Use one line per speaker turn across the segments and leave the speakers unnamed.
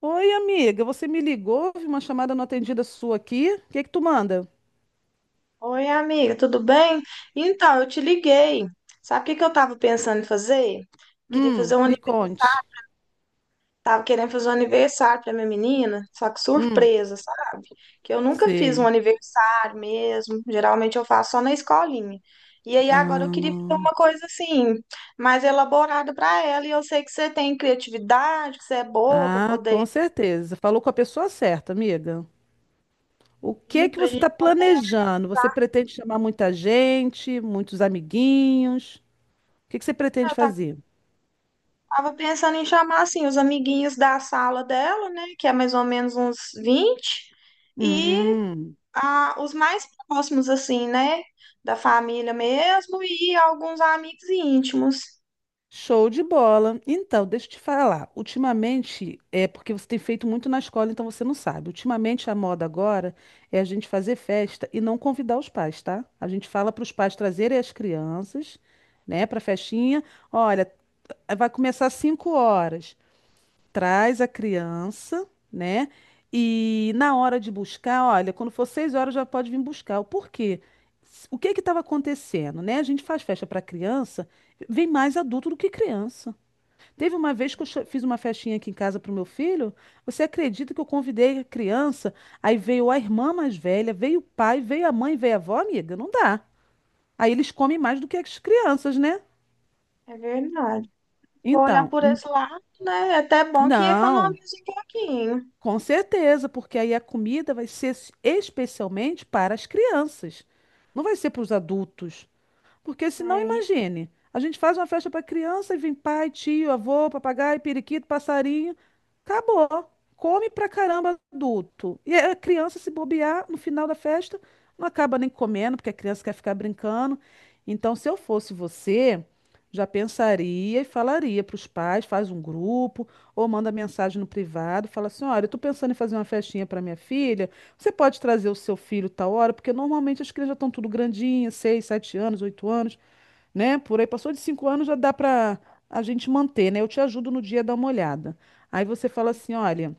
Oi, amiga, você me ligou? Vi uma chamada não atendida sua aqui. O que que tu manda?
Oi, amiga, tudo bem? Então, eu te liguei. Sabe o que que eu tava pensando em fazer? Queria fazer um,
Me conte.
tava querendo fazer um aniversário para minha menina, só que
Hum,
surpresa, sabe? Que eu nunca fiz um
sei.
aniversário mesmo, geralmente eu faço só na escolinha. E aí agora eu queria fazer
Ah,
uma coisa assim, mais elaborada para ela, e eu sei que você tem criatividade, que você é boa para
ah,
poder
com certeza. Falou com a pessoa certa, amiga. O que
ir
que
pra
você está
gente.
planejando? Você pretende chamar muita gente, muitos amiguinhos? O que que você pretende fazer?
Tava pensando em chamar assim os amiguinhos da sala dela, né, que é mais ou menos uns 20 e
Hum.
os mais próximos assim, né, da família mesmo e alguns amigos íntimos.
Show de bola. Então, deixa eu te falar. Ultimamente, é porque você tem feito muito na escola, então você não sabe. Ultimamente, a moda agora é a gente fazer festa e não convidar os pais, tá? A gente fala para os pais trazerem as crianças, né, para festinha. Olha, vai começar às 5 horas. Traz a criança, né? E na hora de buscar, olha, quando for 6 horas já pode vir buscar. O porquê? O que que estava acontecendo, né? A gente faz festa para criança, vem mais adulto do que criança. Teve uma vez que eu fiz uma festinha aqui em casa pro meu filho. Você acredita que eu convidei a criança? Aí veio a irmã mais velha, veio o pai, veio a mãe, veio a avó, amiga? Não dá. Aí eles comem mais do que as crianças, né?
É verdade. Vou olhar
Então,
por esse lado, né? É até bom que
não,
economiza um pouquinho.
com certeza, porque aí a comida vai ser especialmente para as crianças. Não vai ser para os adultos. Porque
É,
senão,
e-
imagine, a gente faz uma festa para criança e vem pai, tio, avô, papagaio, periquito, passarinho. Acabou. Come pra caramba adulto. E a criança, se bobear, no final da festa, não acaba nem comendo, porque a criança quer ficar brincando. Então, se eu fosse você, já pensaria e falaria para os pais, faz um grupo, ou manda mensagem no privado, fala assim: olha, eu tô pensando em fazer uma festinha para minha filha. Você pode trazer o seu filho tal hora, porque normalmente as crianças já estão tudo grandinhas, seis, sete anos, oito anos, né? Por aí passou de cinco anos já dá para a gente manter, né? Eu te ajudo no dia a dar uma olhada. Aí você fala assim, olha,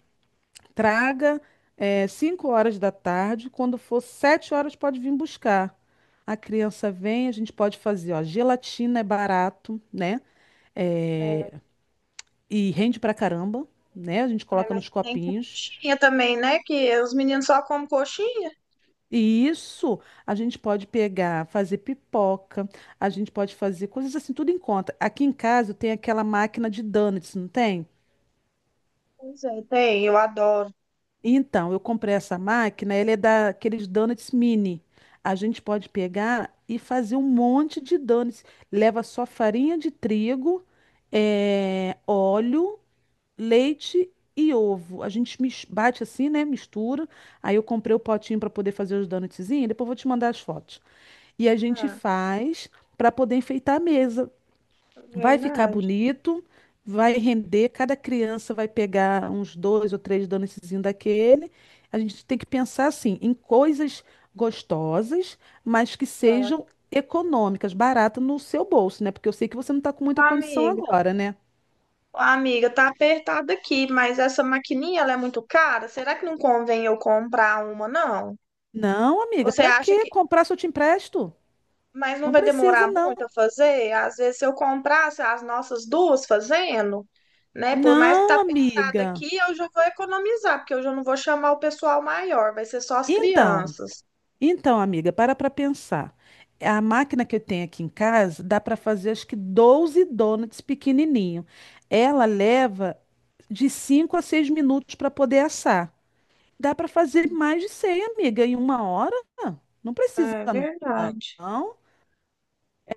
traga cinco horas da tarde, quando for sete horas pode vir buscar. A criança vem, a gente pode fazer, ó, gelatina é barato, né? Eh,
é,
e rende pra caramba, né? A gente
é,
coloca
mas
nos
tem que ter
copinhos.
coxinha também, né? Que os meninos só comem coxinha.
E isso, a gente pode pegar, fazer pipoca, a gente pode fazer coisas assim, tudo em conta. Aqui em casa eu tenho aquela máquina de donuts, não tem?
Pois é, tem, eu adoro.
Então, eu comprei essa máquina, ela é daqueles donuts mini. A gente pode pegar e fazer um monte de donuts. Leva só farinha de trigo, óleo, leite e ovo. A gente bate assim, né? Mistura. Aí eu comprei o potinho para poder fazer os donutzinhos. Depois eu vou te mandar as fotos. E a gente
Ah,
faz para poder enfeitar a mesa.
é
Vai ficar
verdade.
bonito, vai render, cada criança vai pegar uns dois ou três donutszinhos daquele. A gente tem que pensar assim, em coisas gostosas, mas que sejam econômicas, baratas no seu bolso, né? Porque eu sei que você não está com muita condição
Amiga.
agora, né?
Ah, amiga, tá apertado aqui, mas essa maquininha ela é muito cara. Será que não convém eu comprar uma, não?
Não, amiga,
Você
para
acha
que
que.
comprar se eu te empresto?
Mas não
Não
vai
precisa,
demorar muito
não.
a fazer? Às vezes, se eu comprasse as nossas duas fazendo, né? Por mais que tá
Não,
apertado
amiga.
aqui, eu já vou economizar, porque eu já não vou chamar o pessoal maior, vai ser só as
Então,
crianças.
Então, amiga, para pensar. A máquina que eu tenho aqui em casa dá para fazer acho que 12 donuts pequenininho. Ela leva de 5 a 6 minutos para poder assar. Dá para fazer mais de 100, amiga, em uma hora? Não precisa,
É verdade.
não.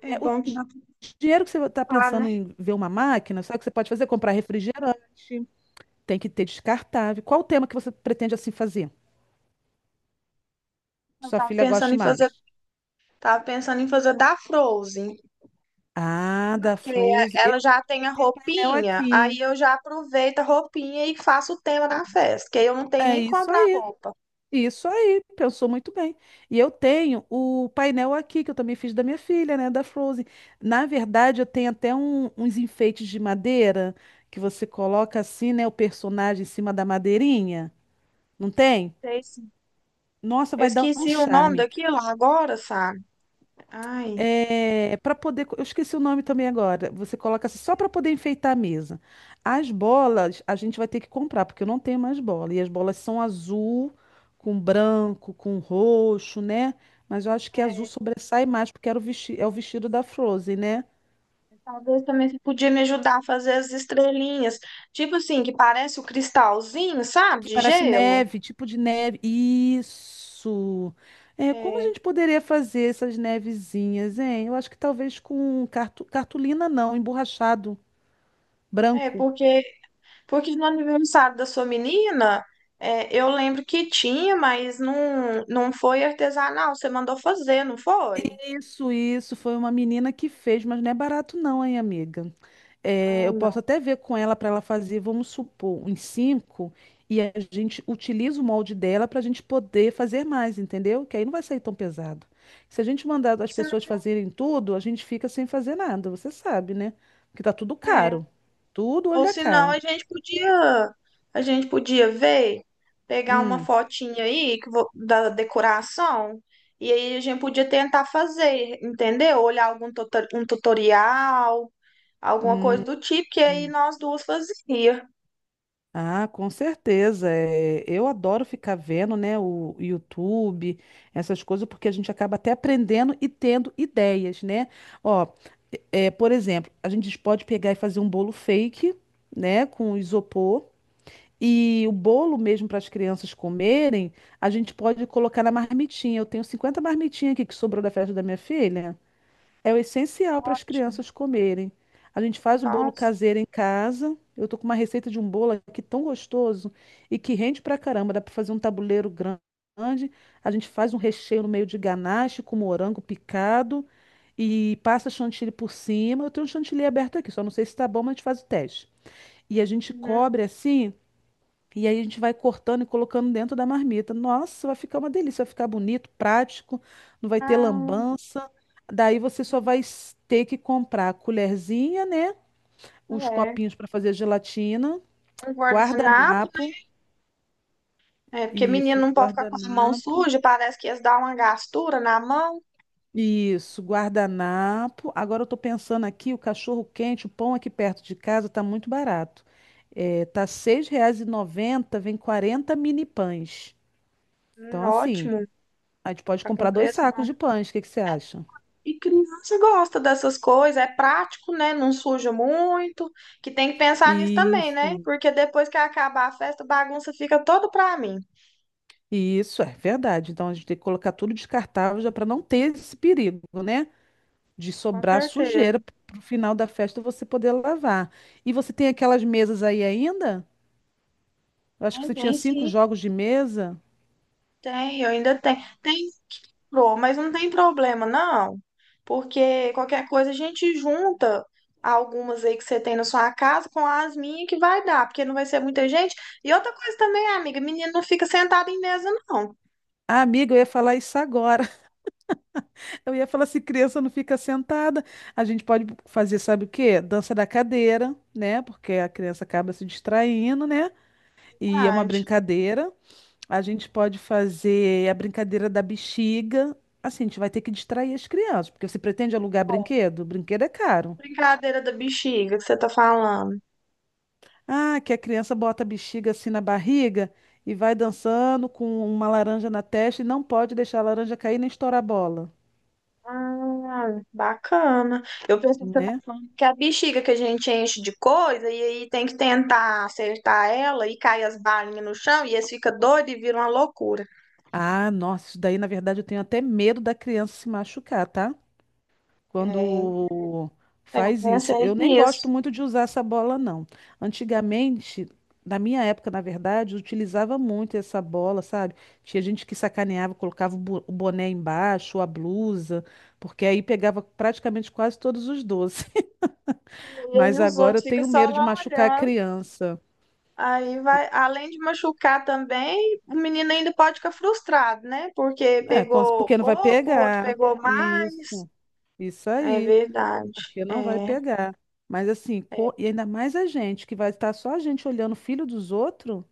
É
o
bom que dá pra,
dinheiro que você está
ocupar, né?
pensando em ver uma máquina, sabe o que você pode fazer? Comprar refrigerante. Tem que ter descartável. Qual o tema que você pretende assim fazer?
Eu
Sua
tava
filha
pensando
goste
em fazer,
mais?
tava pensando em fazer da Frozen.
Ah, da
Porque
Fruze. Eu,
ela já tem
eu
a
tenho painel
roupinha,
aqui.
aí eu já aproveito a roupinha e faço o tema da festa, que aí eu não tenho
É
nem que
isso
comprar
aí.
roupa.
Isso aí. Pensou muito bem. E eu tenho o painel aqui, que eu também fiz da minha filha, né? Da Frozen. Na verdade, eu tenho até uns enfeites de madeira que você coloca assim, né? O personagem em cima da madeirinha. Não tem?
Sei sim.
Nossa,
Eu
vai dar um
esqueci o nome
charme.
daquilo agora, sabe? Ai,
É, para poder, eu esqueci o nome também agora. Você coloca assim, só para poder enfeitar a mesa. As bolas a gente vai ter que comprar, porque eu não tenho mais bola. E as bolas são azul, com branco, com roxo, né? Mas eu acho que azul
é,
sobressai mais, porque era o é o vestido da Frozen, né?
talvez também você podia me ajudar a fazer as estrelinhas. Tipo assim, que parece o cristalzinho, sabe?
Que
De
parece
gelo.
neve, tipo de neve. Isso! É, como a gente poderia fazer essas nevezinhas, hein? Eu acho que talvez com cartolina, não, emborrachado
É, é,
branco.
porque, porque no aniversário da sua menina, é, eu lembro que tinha, mas não, não foi artesanal. Você mandou fazer, não foi?
Isso, foi uma menina que fez, mas não é barato não, hein, amiga? É, eu
Ah,
posso até ver com ela para ela fazer, vamos supor, uns cinco, e a gente utiliza o molde dela para a gente poder fazer mais, entendeu? Que aí não vai sair tão pesado. Se a gente mandar as pessoas
não.
fazerem tudo, a gente fica sem fazer nada, você sabe, né? Porque tá tudo
É.
caro, tudo olho
Ou
da
senão
cara.
a gente podia ver, pegar uma
Hum.
fotinha aí que da decoração e aí a gente podia tentar fazer, entendeu? Olhar algum um tutorial, alguma coisa do tipo que aí
Hum.
nós duas fazia.
Ah, com certeza. É, eu adoro ficar vendo, né, o YouTube, essas coisas, porque a gente acaba até aprendendo e tendo ideias, né? Ó, é, por exemplo, a gente pode pegar e fazer um bolo fake, né, com isopor. E o bolo mesmo para as crianças comerem, a gente pode colocar na marmitinha. Eu tenho 50 marmitinhas aqui que sobrou da festa da minha filha. É o essencial para as crianças comerem. A gente faz o bolo
Nossa.
caseiro em casa. Eu tô com uma receita de um bolo aqui tão gostoso e que rende pra caramba. Dá para fazer um tabuleiro grande. A gente faz um recheio no meio de ganache com morango picado e passa chantilly por cima. Eu tenho um chantilly aberto aqui, só não sei se tá bom, mas a gente faz o teste. E a gente
Uhum.
cobre assim. E aí a gente vai cortando e colocando dentro da marmita. Nossa, vai ficar uma delícia, vai ficar bonito, prático, não vai ter
Ah,
lambança. Daí você só vai ter que comprar a colherzinha, né? Os
é.
copinhos para fazer gelatina,
Um guardanapo,
guardanapo,
é porque menina
isso,
não pode ficar com a mão
guardanapo,
suja, parece que ia dar uma gastura na mão.
isso, guardanapo. Agora eu tô pensando aqui, o cachorro quente, o pão aqui perto de casa tá muito barato. É, tá R$ seis reais e noventa vem 40 mini pães. Então, assim.
Ótimo,
A gente pode
tá com
comprar dois
preço.
sacos de pães, o que que você acha?
E criança gosta dessas coisas, é prático, né? Não suja muito, que tem que pensar nisso também, né?
Isso.
Porque depois que acabar a festa, a bagunça fica toda pra mim.
Isso é verdade. Então a gente tem que colocar tudo descartável já para não ter esse perigo, né? De
Com
sobrar
certeza.
sujeira para o final da festa você poder lavar. E você tem aquelas mesas aí ainda? Eu acho que
Tem,
você tinha
tem
cinco
sim,
jogos de mesa.
tem, eu ainda tenho. Tem, pro, mas não tem problema, não. Porque qualquer coisa a gente junta algumas aí que você tem na sua casa com as minhas que vai dar, porque não vai ser muita gente. E outra coisa também, amiga, menino não fica sentado em mesa, não.
Ah, amiga, eu ia falar isso agora. Eu ia falar se criança não fica sentada. A gente pode fazer, sabe o quê? Dança da cadeira, né? Porque a criança acaba se distraindo, né? E é uma
Verdade.
brincadeira. A gente pode fazer a brincadeira da bexiga. Assim, a gente vai ter que distrair as crianças, porque você pretende alugar brinquedo? Brinquedo é caro.
Brincadeira da bexiga que você tá falando.
Ah, que a criança bota a bexiga assim na barriga e vai dançando com uma laranja na testa e não pode deixar a laranja cair nem estourar a bola,
Ah, bacana. Eu pensei que você tá
né?
falando que a bexiga que a gente enche de coisa e aí tem que tentar acertar ela e cai as balinhas no chão e eles ficam doidos e viram uma loucura.
Ah, nossa, isso daí na verdade eu tenho até medo da criança se machucar, tá?
É,
Quando
eu
faz isso.
pensei
Eu nem gosto
nisso.
muito de usar essa bola, não. Antigamente, na minha época, na verdade, eu utilizava muito essa bola, sabe? Tinha gente que sacaneava, colocava o o boné embaixo, a blusa, porque aí pegava praticamente quase todos os doces.
E aí
Mas
os
agora eu
outros ficam
tenho
só
medo de
lá
machucar a
olhando.
criança.
Aí vai, além de machucar também, o menino ainda pode ficar frustrado, né? Porque
É,
pegou
porque não vai
pouco, o outro
pegar.
pegou mais.
Isso, isso
É
aí,
verdade.
porque não vai
É
pegar. Mas assim, e ainda mais a gente, que vai estar só a gente olhando o filho dos outros.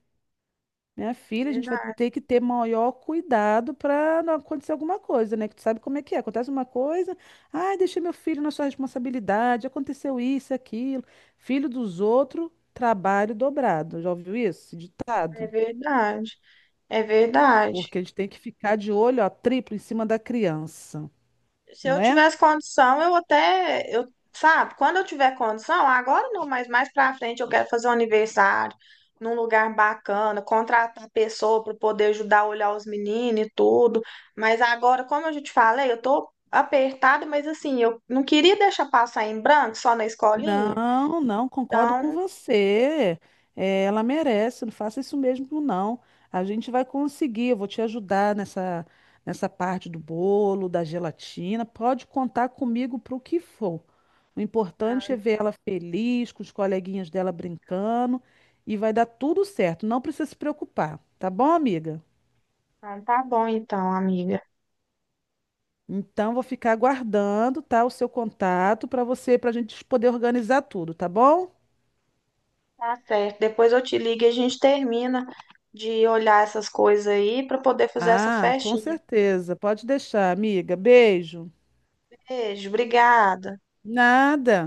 Minha filha, a gente vai
verdade.
ter que ter maior cuidado para não acontecer alguma coisa, né? Que tu sabe como é que é. Acontece uma coisa, ai, deixei meu filho na sua responsabilidade, aconteceu isso, aquilo. Filho dos outros, trabalho dobrado. Já ouviu isso? Esse
É
ditado.
verdade, é verdade.
Porque a gente tem que ficar de olho, ó, triplo em cima da criança,
Se
não
eu
é?
tivesse condição, eu até, eu, sabe, quando eu tiver condição, ah, agora não, mas mais pra frente eu quero fazer um aniversário num lugar bacana, contratar pessoa para poder ajudar a olhar os meninos e tudo. Mas agora, como eu já te falei, eu tô apertada, mas assim, eu não queria deixar passar em branco só na escolinha.
Não, não, concordo com
Então,
você. É, ela merece, não faça isso mesmo, não. A gente vai conseguir, eu vou te ajudar nessa parte do bolo, da gelatina. Pode contar comigo para o que for. O importante é ver ela feliz, com os coleguinhas dela brincando, e vai dar tudo certo. Não precisa se preocupar, tá bom, amiga?
tá bom, amiga.
Então, vou ficar aguardando, tá, o seu contato para você, para a gente poder organizar tudo, tá bom?
Tá certo. Depois eu te ligo e a gente termina de olhar essas coisas aí para poder fazer essa
Ah, com
festinha.
certeza. Pode deixar, amiga. Beijo.
Beijo, obrigada.
Nada.